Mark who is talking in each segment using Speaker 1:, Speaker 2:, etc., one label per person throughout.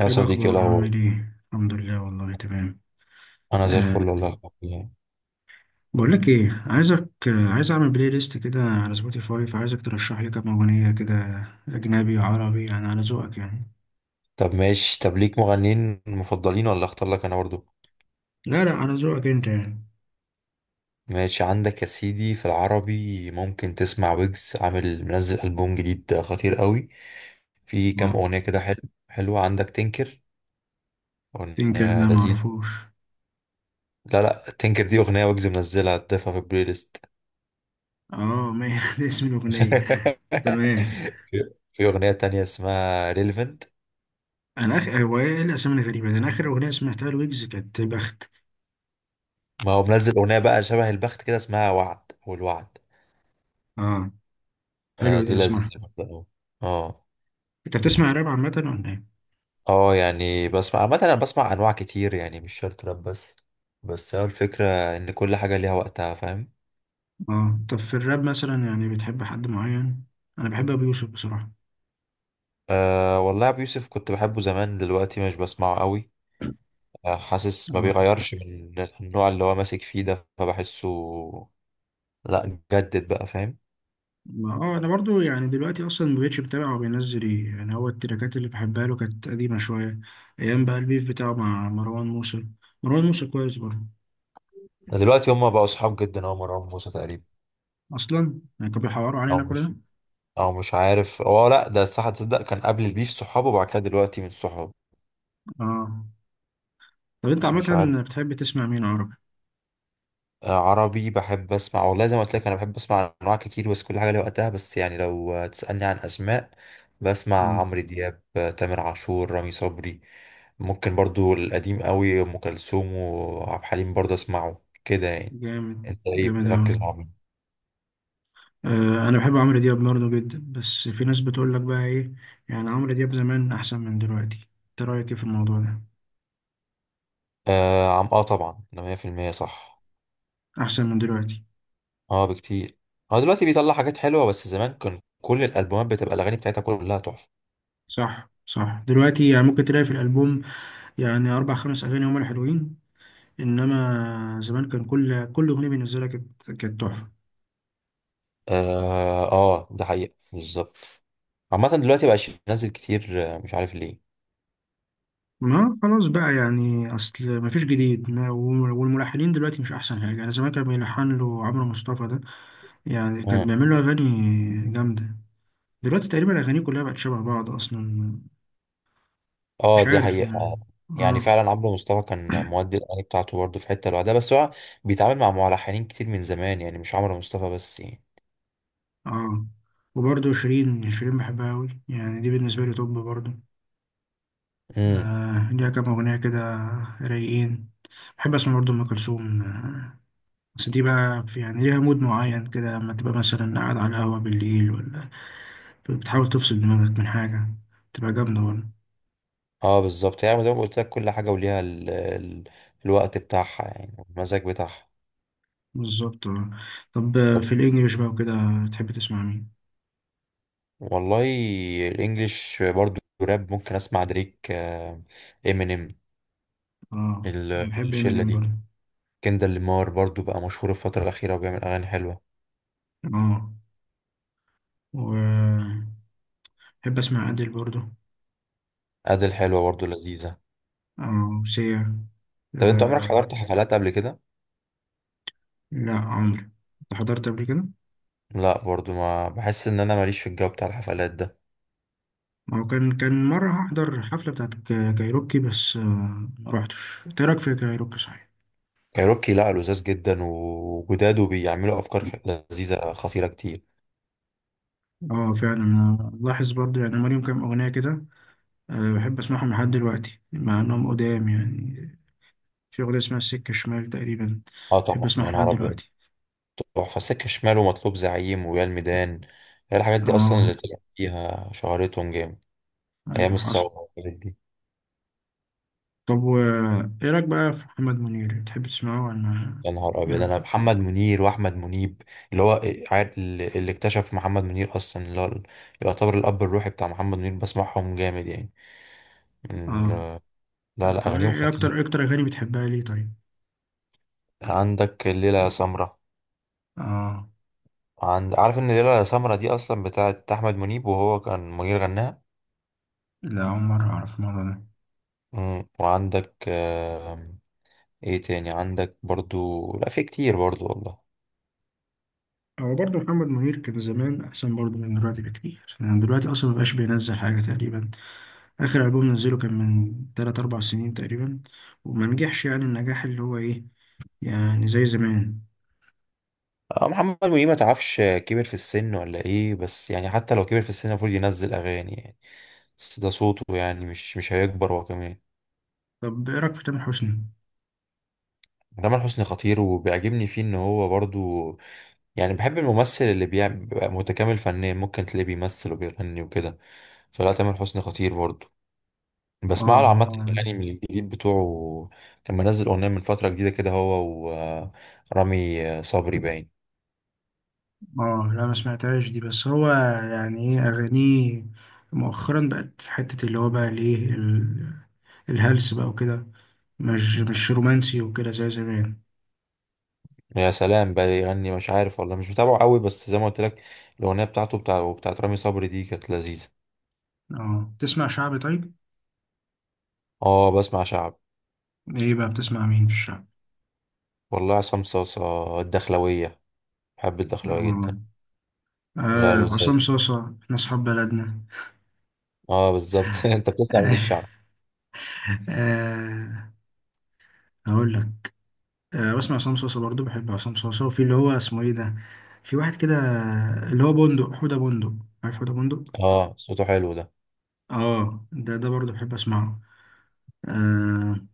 Speaker 1: يا
Speaker 2: ايه
Speaker 1: صديقي، إيه
Speaker 2: الاخبار؟
Speaker 1: الاخبار؟
Speaker 2: عامل ايه؟ الحمد لله، والله تمام.
Speaker 1: انا زي
Speaker 2: أه.
Speaker 1: الفل، والله الحمد لله.
Speaker 2: بقول لك ايه، عايزك عايز اعمل بلاي ليست كده على سبوتيفاي، فعايزك ترشح لي كام اغنيه كده، اجنبي عربي، يعني على ذوقك يعني.
Speaker 1: طب ماشي. طب ليك مغنيين مفضلين ولا اختار لك انا برضو؟
Speaker 2: لا لا، على ذوقك انت يعني.
Speaker 1: ماشي. عندك يا سيدي في العربي ممكن تسمع ويجز، عامل منزل البوم جديد خطير قوي، في كام
Speaker 2: اه.
Speaker 1: اغنيه كده حلو. حلوه عندك تنكر،
Speaker 2: تنكر ده
Speaker 1: اغنيه
Speaker 2: ما
Speaker 1: لذيذ.
Speaker 2: اعرفوش.
Speaker 1: لا لا، تنكر دي اغنيه ويجز منزلها، تضيفها في البلاي ليست.
Speaker 2: اه ما ده اسم الاغنيه؟ تمام.
Speaker 1: في اغنيه تانية اسمها ريليفنت.
Speaker 2: انا اخ، هو ايه الاسامي الغريبه ده؟ انا اخر اغنيه سمعتها لويجز كانت بخت.
Speaker 1: ما هو منزل اغنيه بقى شبه البخت، كده اسمها وعد والوعد.
Speaker 2: اه،
Speaker 1: آه
Speaker 2: حلو،
Speaker 1: دي
Speaker 2: ده
Speaker 1: لذيذة
Speaker 2: اسمعها.
Speaker 1: برضه أوي. اه.
Speaker 2: انت بتسمع راب عامه ولا ايه؟
Speaker 1: اه يعني بسمع عامة، انا بسمع انواع كتير يعني، مش شرط راب بس هو الفكرة ان كل حاجة ليها وقتها، فاهم.
Speaker 2: اه، طب في الراب مثلا يعني بتحب حد معين؟ انا بحب ابو يوسف بصراحه.
Speaker 1: آه والله، ابو يوسف كنت بحبه زمان، دلوقتي مش بسمعه قوي. آه حاسس ما
Speaker 2: اه
Speaker 1: بيغيرش من النوع اللي هو ماسك فيه ده، فبحسه. لا جدد بقى، فاهم.
Speaker 2: ما اه، انا برضو يعني دلوقتي اصلا ما بقتش بتابع هو بينزل ايه، يعني هو التراكات اللي بحبها له كانت قديمه شويه، ايام بقى البيف بتاعه مع مروان موسى. مروان موسى كويس برضو،
Speaker 1: دلوقتي هما بقوا صحاب جدا، هو مروان موسى تقريبا.
Speaker 2: اصلا يعني كانوا بيحوروا
Speaker 1: او
Speaker 2: علينا كل
Speaker 1: مش
Speaker 2: ده.
Speaker 1: او مش عارف. هو لا ده صح، تصدق كان قبل البيف صحابه، وبعد كده دلوقتي من صحابه.
Speaker 2: اه، طب انت
Speaker 1: مش عارف.
Speaker 2: عامه بتحب تسمع مين عربي؟
Speaker 1: عربي بحب اسمع والله، زي ما قلت لك انا بحب اسمع انواع كتير، بس كل حاجه ليها وقتها، بس يعني لو تسالني عن اسماء، بسمع
Speaker 2: اه.
Speaker 1: عمرو دياب، تامر عاشور، رامي صبري. ممكن برضو القديم قوي، ام كلثوم وعبد الحليم برضو اسمعه كده يعني.
Speaker 2: جامد.
Speaker 1: انت ايه
Speaker 2: جامد اوي.
Speaker 1: مركز مع مين؟
Speaker 2: آه، انا بحب عمرو دياب برضو جدا، بس في ناس بتقول لك بقى ايه، يعني عمرو دياب زمان احسن من دلوقتي. انت رايك ايه في الموضوع ده؟
Speaker 1: اه، طبعا ده 100% صح.
Speaker 2: احسن من دلوقتي؟
Speaker 1: اه بكتير. هو دلوقتي بيطلع حاجات حلوه، بس زمان كان كل الالبومات بتبقى الاغاني بتاعتها كلها تحفه.
Speaker 2: صح صح، دلوقتي يعني ممكن تلاقي في الالبوم يعني أربع خمس أغاني هما الحلوين، إنما زمان كان كل أغنية بالنسبة لك كانت تحفة.
Speaker 1: اه، ده حقيقة بالظبط. عامة دلوقتي مبقاش ينزل كتير، مش عارف ليه.
Speaker 2: ما خلاص بقى، يعني أصل مفيش جديد، ما والملحنين دلوقتي مش أحسن حاجة. أنا زمان كان بيلحن له عمرو مصطفى ده، يعني كان
Speaker 1: مم.
Speaker 2: بيعمل له أغاني جامدة. دلوقتي تقريبا أغانيه كلها بقت شبه بعض أصلا.
Speaker 1: اه
Speaker 2: مش
Speaker 1: دي
Speaker 2: عارف
Speaker 1: حقيقة
Speaker 2: ما.
Speaker 1: آه. يعني
Speaker 2: آه.
Speaker 1: فعلا عمرو مصطفى كان مودي الأغاني بتاعته برضه في حتة لوحدها، بس هو بيتعامل مع ملحنين كتير من زمان يعني، مش عمرو مصطفى بس يعني.
Speaker 2: آه. وبرضه شيرين بحبها أوي، يعني دي بالنسبة لي توب برضه.
Speaker 1: امم
Speaker 2: آه، ليها كام أغنية كده رايقين. بحب اسمع برضه ام كلثوم، بس دي بقى في، يعني ليها مود معين كده، لما تبقى مثلا قاعد على القهوة بالليل، ولا بتحاول تفصل دماغك من حاجة، تبقى جامدة ولا.
Speaker 1: اه بالظبط، يعني زي ما قلت لك كل حاجة وليها الوقت بتاعها، يعني والمزاج بتاعها.
Speaker 2: بالظبط آه. طب
Speaker 1: طب،
Speaker 2: في الإنجليش بقى وكده تحب تسمع مين؟
Speaker 1: والله الانجليش برضه راب، ممكن اسمع دريك، امينيم،
Speaker 2: اه، أنا بحب
Speaker 1: الشلة
Speaker 2: إمينيم
Speaker 1: دي.
Speaker 2: برضه.
Speaker 1: كندر لامار برضو بقى مشهور الفترة الأخيرة، وبيعمل أغاني حلوة.
Speaker 2: اه، وبحب أسمع أديل برضه.
Speaker 1: أديل حلوة برضو، لذيذة.
Speaker 2: اه، وسيا
Speaker 1: طب أنت عمرك
Speaker 2: آه.
Speaker 1: حضرت حفلات قبل كده؟
Speaker 2: لا عمرو، أنت حضرت قبل كده؟
Speaker 1: لا برضو، ما بحس إن أنا ماليش في الجو بتاع الحفلات ده.
Speaker 2: هو كان، مرة هحضر حفلة بتاعت كايروكي بس، ما روحتش. إيه رأيك في كايروكي صحيح؟
Speaker 1: كايروكي لا، لذاذ جدا وجداد، وبيعملوا أفكار لذيذة خطيرة كتير.
Speaker 2: اه فعلا، انا لاحظ برضو يعني هم ليهم كام اغنيه كده. أه بحب اسمعهم لحد دلوقتي مع انهم قدام يعني. في اغنيه اسمها السكه الشمال تقريبا،
Speaker 1: أه
Speaker 2: بحب
Speaker 1: طبعا،
Speaker 2: اسمعها
Speaker 1: يا
Speaker 2: لحد
Speaker 1: نهار أبيض.
Speaker 2: دلوقتي.
Speaker 1: تحفة، سكة شمال ومطلوب زعيم ويا الميدان، هي الحاجات دي أصلا
Speaker 2: اه،
Speaker 1: اللي طلع فيها شهرتهم جامد. أيام
Speaker 2: ايوه حصل.
Speaker 1: الثورة والحاجات دي.
Speaker 2: طب و ايه رايك بقى في محمد منير؟ بتحب تسمعه ولا؟
Speaker 1: يا نهار
Speaker 2: ايه
Speaker 1: ابيض،
Speaker 2: رايك
Speaker 1: انا
Speaker 2: فيه؟
Speaker 1: محمد منير واحمد منيب اللي هو اللي اكتشف محمد منير اصلا، اللي هو يعتبر الاب الروحي بتاع محمد منير، بسمعهم جامد يعني، من
Speaker 2: اه،
Speaker 1: لا لا،
Speaker 2: طب
Speaker 1: اغانيهم خطيره.
Speaker 2: ايه اكتر اغاني بتحبها ليه طيب؟
Speaker 1: عندك الليله يا سمره.
Speaker 2: اه،
Speaker 1: عند، عارف ان الليله يا سمره دي اصلا بتاعت احمد منيب، وهو كان منير غناها.
Speaker 2: لا اول مره اعرف الموضوع ده.
Speaker 1: وعندك ايه تاني، عندك برضو لا، في كتير برضو والله.
Speaker 2: هو برضه محمد منير كان زمان أحسن برضه من دلوقتي بكتير، يعني دلوقتي أصلا مبقاش بينزل حاجة تقريبا. اخر البوم نزله كان من 3 4 سنين تقريبا، وما نجحش يعني النجاح اللي هو ايه، يعني زي زمان.
Speaker 1: محمد منير ما تعرفش كبر في السن ولا ايه، بس يعني حتى لو كبر في السن المفروض ينزل اغاني يعني، بس ده صوته يعني مش هيكبر هو كمان.
Speaker 2: طب ايه رايك في تامر حسني؟
Speaker 1: تامر حسني خطير، وبيعجبني فيه ان هو برضو يعني بحب الممثل اللي بيعمل بيبقى متكامل فنيا، ممكن تلاقيه بيمثل وبيغني وكده، فلا تامر حسني خطير برضو.
Speaker 2: اه
Speaker 1: بسمع له عامة
Speaker 2: اه.
Speaker 1: الأغاني من الجديد بتوعه، كان منزل أغنية من فترة جديدة كده هو، ورامي صبري باين.
Speaker 2: لا ما سمعتهاش دي، بس هو يعني ايه اغانيه مؤخرا بقت في حته، اللي هو بقى الايه الهلس بقى وكده، مش رومانسي وكده زي زمان.
Speaker 1: يا سلام بقى يغني، مش عارف والله، مش متابعه قوي، بس زي ما قلت لك الاغنيه بتاعت رامي صبري دي كانت لذيذه.
Speaker 2: اه، تسمع شعبي طيب؟
Speaker 1: اه بسمع شعب.
Speaker 2: ايه بقى بتسمع مين في الشعب؟
Speaker 1: والله عصام صاصا الدخلويه، بحب الدخلويه
Speaker 2: اه،
Speaker 1: جدا. لا له زاد.
Speaker 2: عصام صاصة احنا اصحاب بلدنا.
Speaker 1: اه بالظبط. انت بتسمع من الشعب؟
Speaker 2: آه، هقول لك. أه بسمع عصام صوصة برضه، بحب عصام صوصة، وفي اللي هو اسمه ايه ده، في واحد كده اللي هو بندق، حودة بندق. عارف حودة بندق؟
Speaker 1: اه صوته حلو ده.
Speaker 2: اه، ده برضه بحب اسمعه. أه.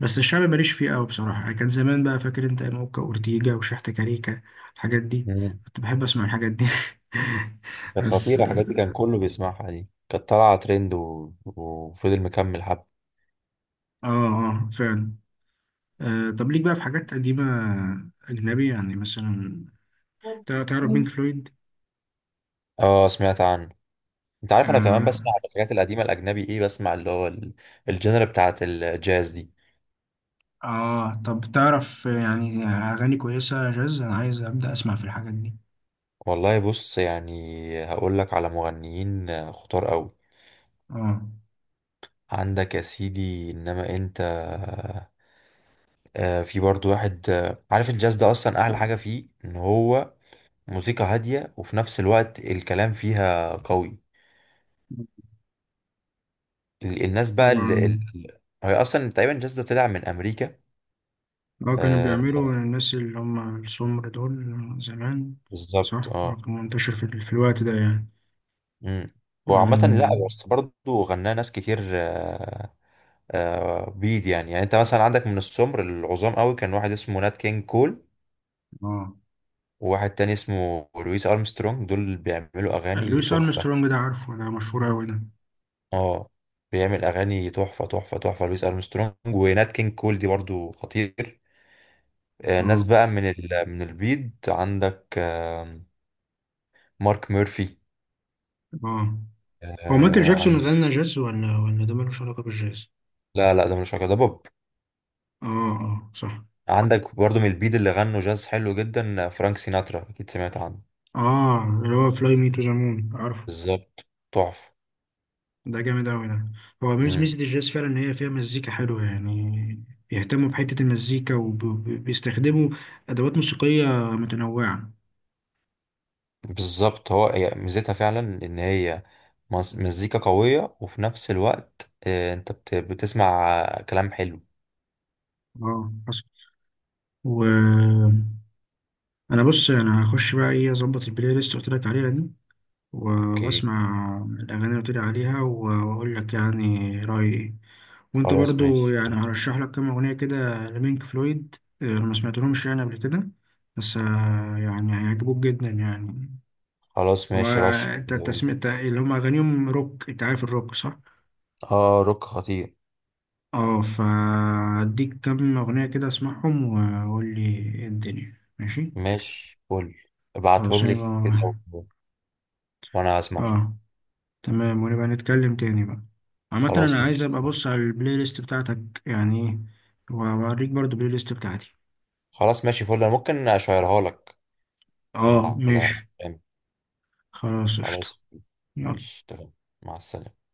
Speaker 2: بس الشعبي ماليش فيه قوي بصراحة، يعني كان زمان بقى، فاكر انت موكا وأورتيجا وشحتة كاريكا الحاجات دي؟
Speaker 1: مم.
Speaker 2: كنت بحب اسمع الحاجات دي.
Speaker 1: كانت
Speaker 2: بس
Speaker 1: خطيره الحاجات دي،
Speaker 2: اه.
Speaker 1: كان كله بيسمعها، دي كانت طالعه ترند وفضل مكمل حب.
Speaker 2: اه فعلا. أه، طب ليك بقى في حاجات قديمة أجنبي يعني مثلا؟ تعرف بينك فلويد؟
Speaker 1: اه سمعت عنه. انت عارف انا كمان
Speaker 2: آه.
Speaker 1: بسمع الحاجات القديمه الاجنبي، ايه بسمع اللي هو الجنرا بتاعت الجاز دي.
Speaker 2: اه، طب تعرف يعني اغاني كويسه جاز، انا عايز ابدا اسمع في الحاجات دي.
Speaker 1: والله بص، يعني هقول لك على مغنيين خطار قوي.
Speaker 2: اه.
Speaker 1: عندك يا سيدي، انما انت في برضو واحد، عارف الجاز ده اصلا احلى حاجة فيه ان هو موسيقى هادية، وفي نفس الوقت الكلام فيها قوي. الناس بقى
Speaker 2: هو.
Speaker 1: هي اصلا تقريبا الجاز ده طلع من امريكا.
Speaker 2: اه كانوا
Speaker 1: آه،
Speaker 2: بيعملوا الناس اللي هم السمر دول زمان.
Speaker 1: بالظبط
Speaker 2: صح،
Speaker 1: اه.
Speaker 2: اه كان منتشر في، في الوقت ده يعني.
Speaker 1: مم. وعامة
Speaker 2: اه.
Speaker 1: لا بس برضو غناه ناس كتير، بيض يعني، يعني انت مثلا عندك من السمر العظام قوي كان واحد اسمه نات كينج كول،
Speaker 2: اه،
Speaker 1: وواحد تاني اسمه لويس ارمسترونج، دول بيعملوا اغاني
Speaker 2: لويس
Speaker 1: تحفه.
Speaker 2: ارمسترونج ده عارفه، ده مشهور اوي ده.
Speaker 1: اه بيعمل اغاني تحفه تحفه تحفه، لويس ارمسترونج ونات كينج كول دي برضو خطير. ناس
Speaker 2: اه.
Speaker 1: بقى من من البيض عندك مارك ميرفي.
Speaker 2: اه، هو مايكل جاكسون
Speaker 1: عندك
Speaker 2: غنى جاز ولا ده ملوش علاقه بالجاز؟
Speaker 1: لا لا، ده مش علاقة، ده بوب.
Speaker 2: اه اه صح.
Speaker 1: عندك برضو من البيض اللي غنوا جاز حلو جدا، فرانك سيناترا اكيد سمعت عنه.
Speaker 2: اه، اللي هو فلاي مي تو ذا مون عارفه،
Speaker 1: بالظبط، تحفه.
Speaker 2: ده جامد أوي ده. هو
Speaker 1: مم.
Speaker 2: ميزة الجاز فعلا إن هي فيها مزيكا حلوة يعني، بيهتموا بحتة المزيكا وبيستخدموا أدوات موسيقية متنوعة.
Speaker 1: بالظبط، هو هي ميزتها فعلا ان هي مزيكا قوية، وفي نفس الوقت انت بتسمع كلام حلو.
Speaker 2: اه حصل. و أنا بص، أنا هخش بقى إيه أظبط البلاي ليست اللي قلت لك عليها دي، و-
Speaker 1: اوكي.
Speaker 2: وأسمع الأغاني اللي قلت لي عليها، وأقول لك يعني رأيي إيه. وأنت
Speaker 1: خلاص
Speaker 2: برضو
Speaker 1: ماشي
Speaker 2: يعني
Speaker 1: فل.
Speaker 2: هرشح لك كام أغنية كده لبينك فلويد، أنا ما سمعتلهمش يعني قبل كده، بس يعني هيعجبوك جدا يعني.
Speaker 1: خلاص
Speaker 2: هو
Speaker 1: ماشي، رش
Speaker 2: انت
Speaker 1: كده قول.
Speaker 2: التسمية اللي هم اغانيهم روك، انت عارف الروك صح؟
Speaker 1: اه روك خطير.
Speaker 2: اه، فاديك كم اغنية كده اسمعهم وقول لي ايه الدنيا ماشي.
Speaker 1: ماشي فل،
Speaker 2: خلاص
Speaker 1: ابعتهم لي كده،
Speaker 2: يبقى.
Speaker 1: و- وانا هسمعهم.
Speaker 2: اه، تمام، ونبقى نتكلم تاني بقى. عامة
Speaker 1: خلاص
Speaker 2: انا عايز
Speaker 1: ماشي.
Speaker 2: ابقى ابص على البلاي ليست بتاعتك يعني ايه، واوريك برضو البلاي ليست بتاعتي.
Speaker 1: خلاص ماشي فل، انا ممكن اشيرها لك من
Speaker 2: اه
Speaker 1: على.
Speaker 2: ماشي. خلاص، قشطة.
Speaker 1: خلاص.
Speaker 2: يلا.
Speaker 1: ماشي تمام. مع السلامة.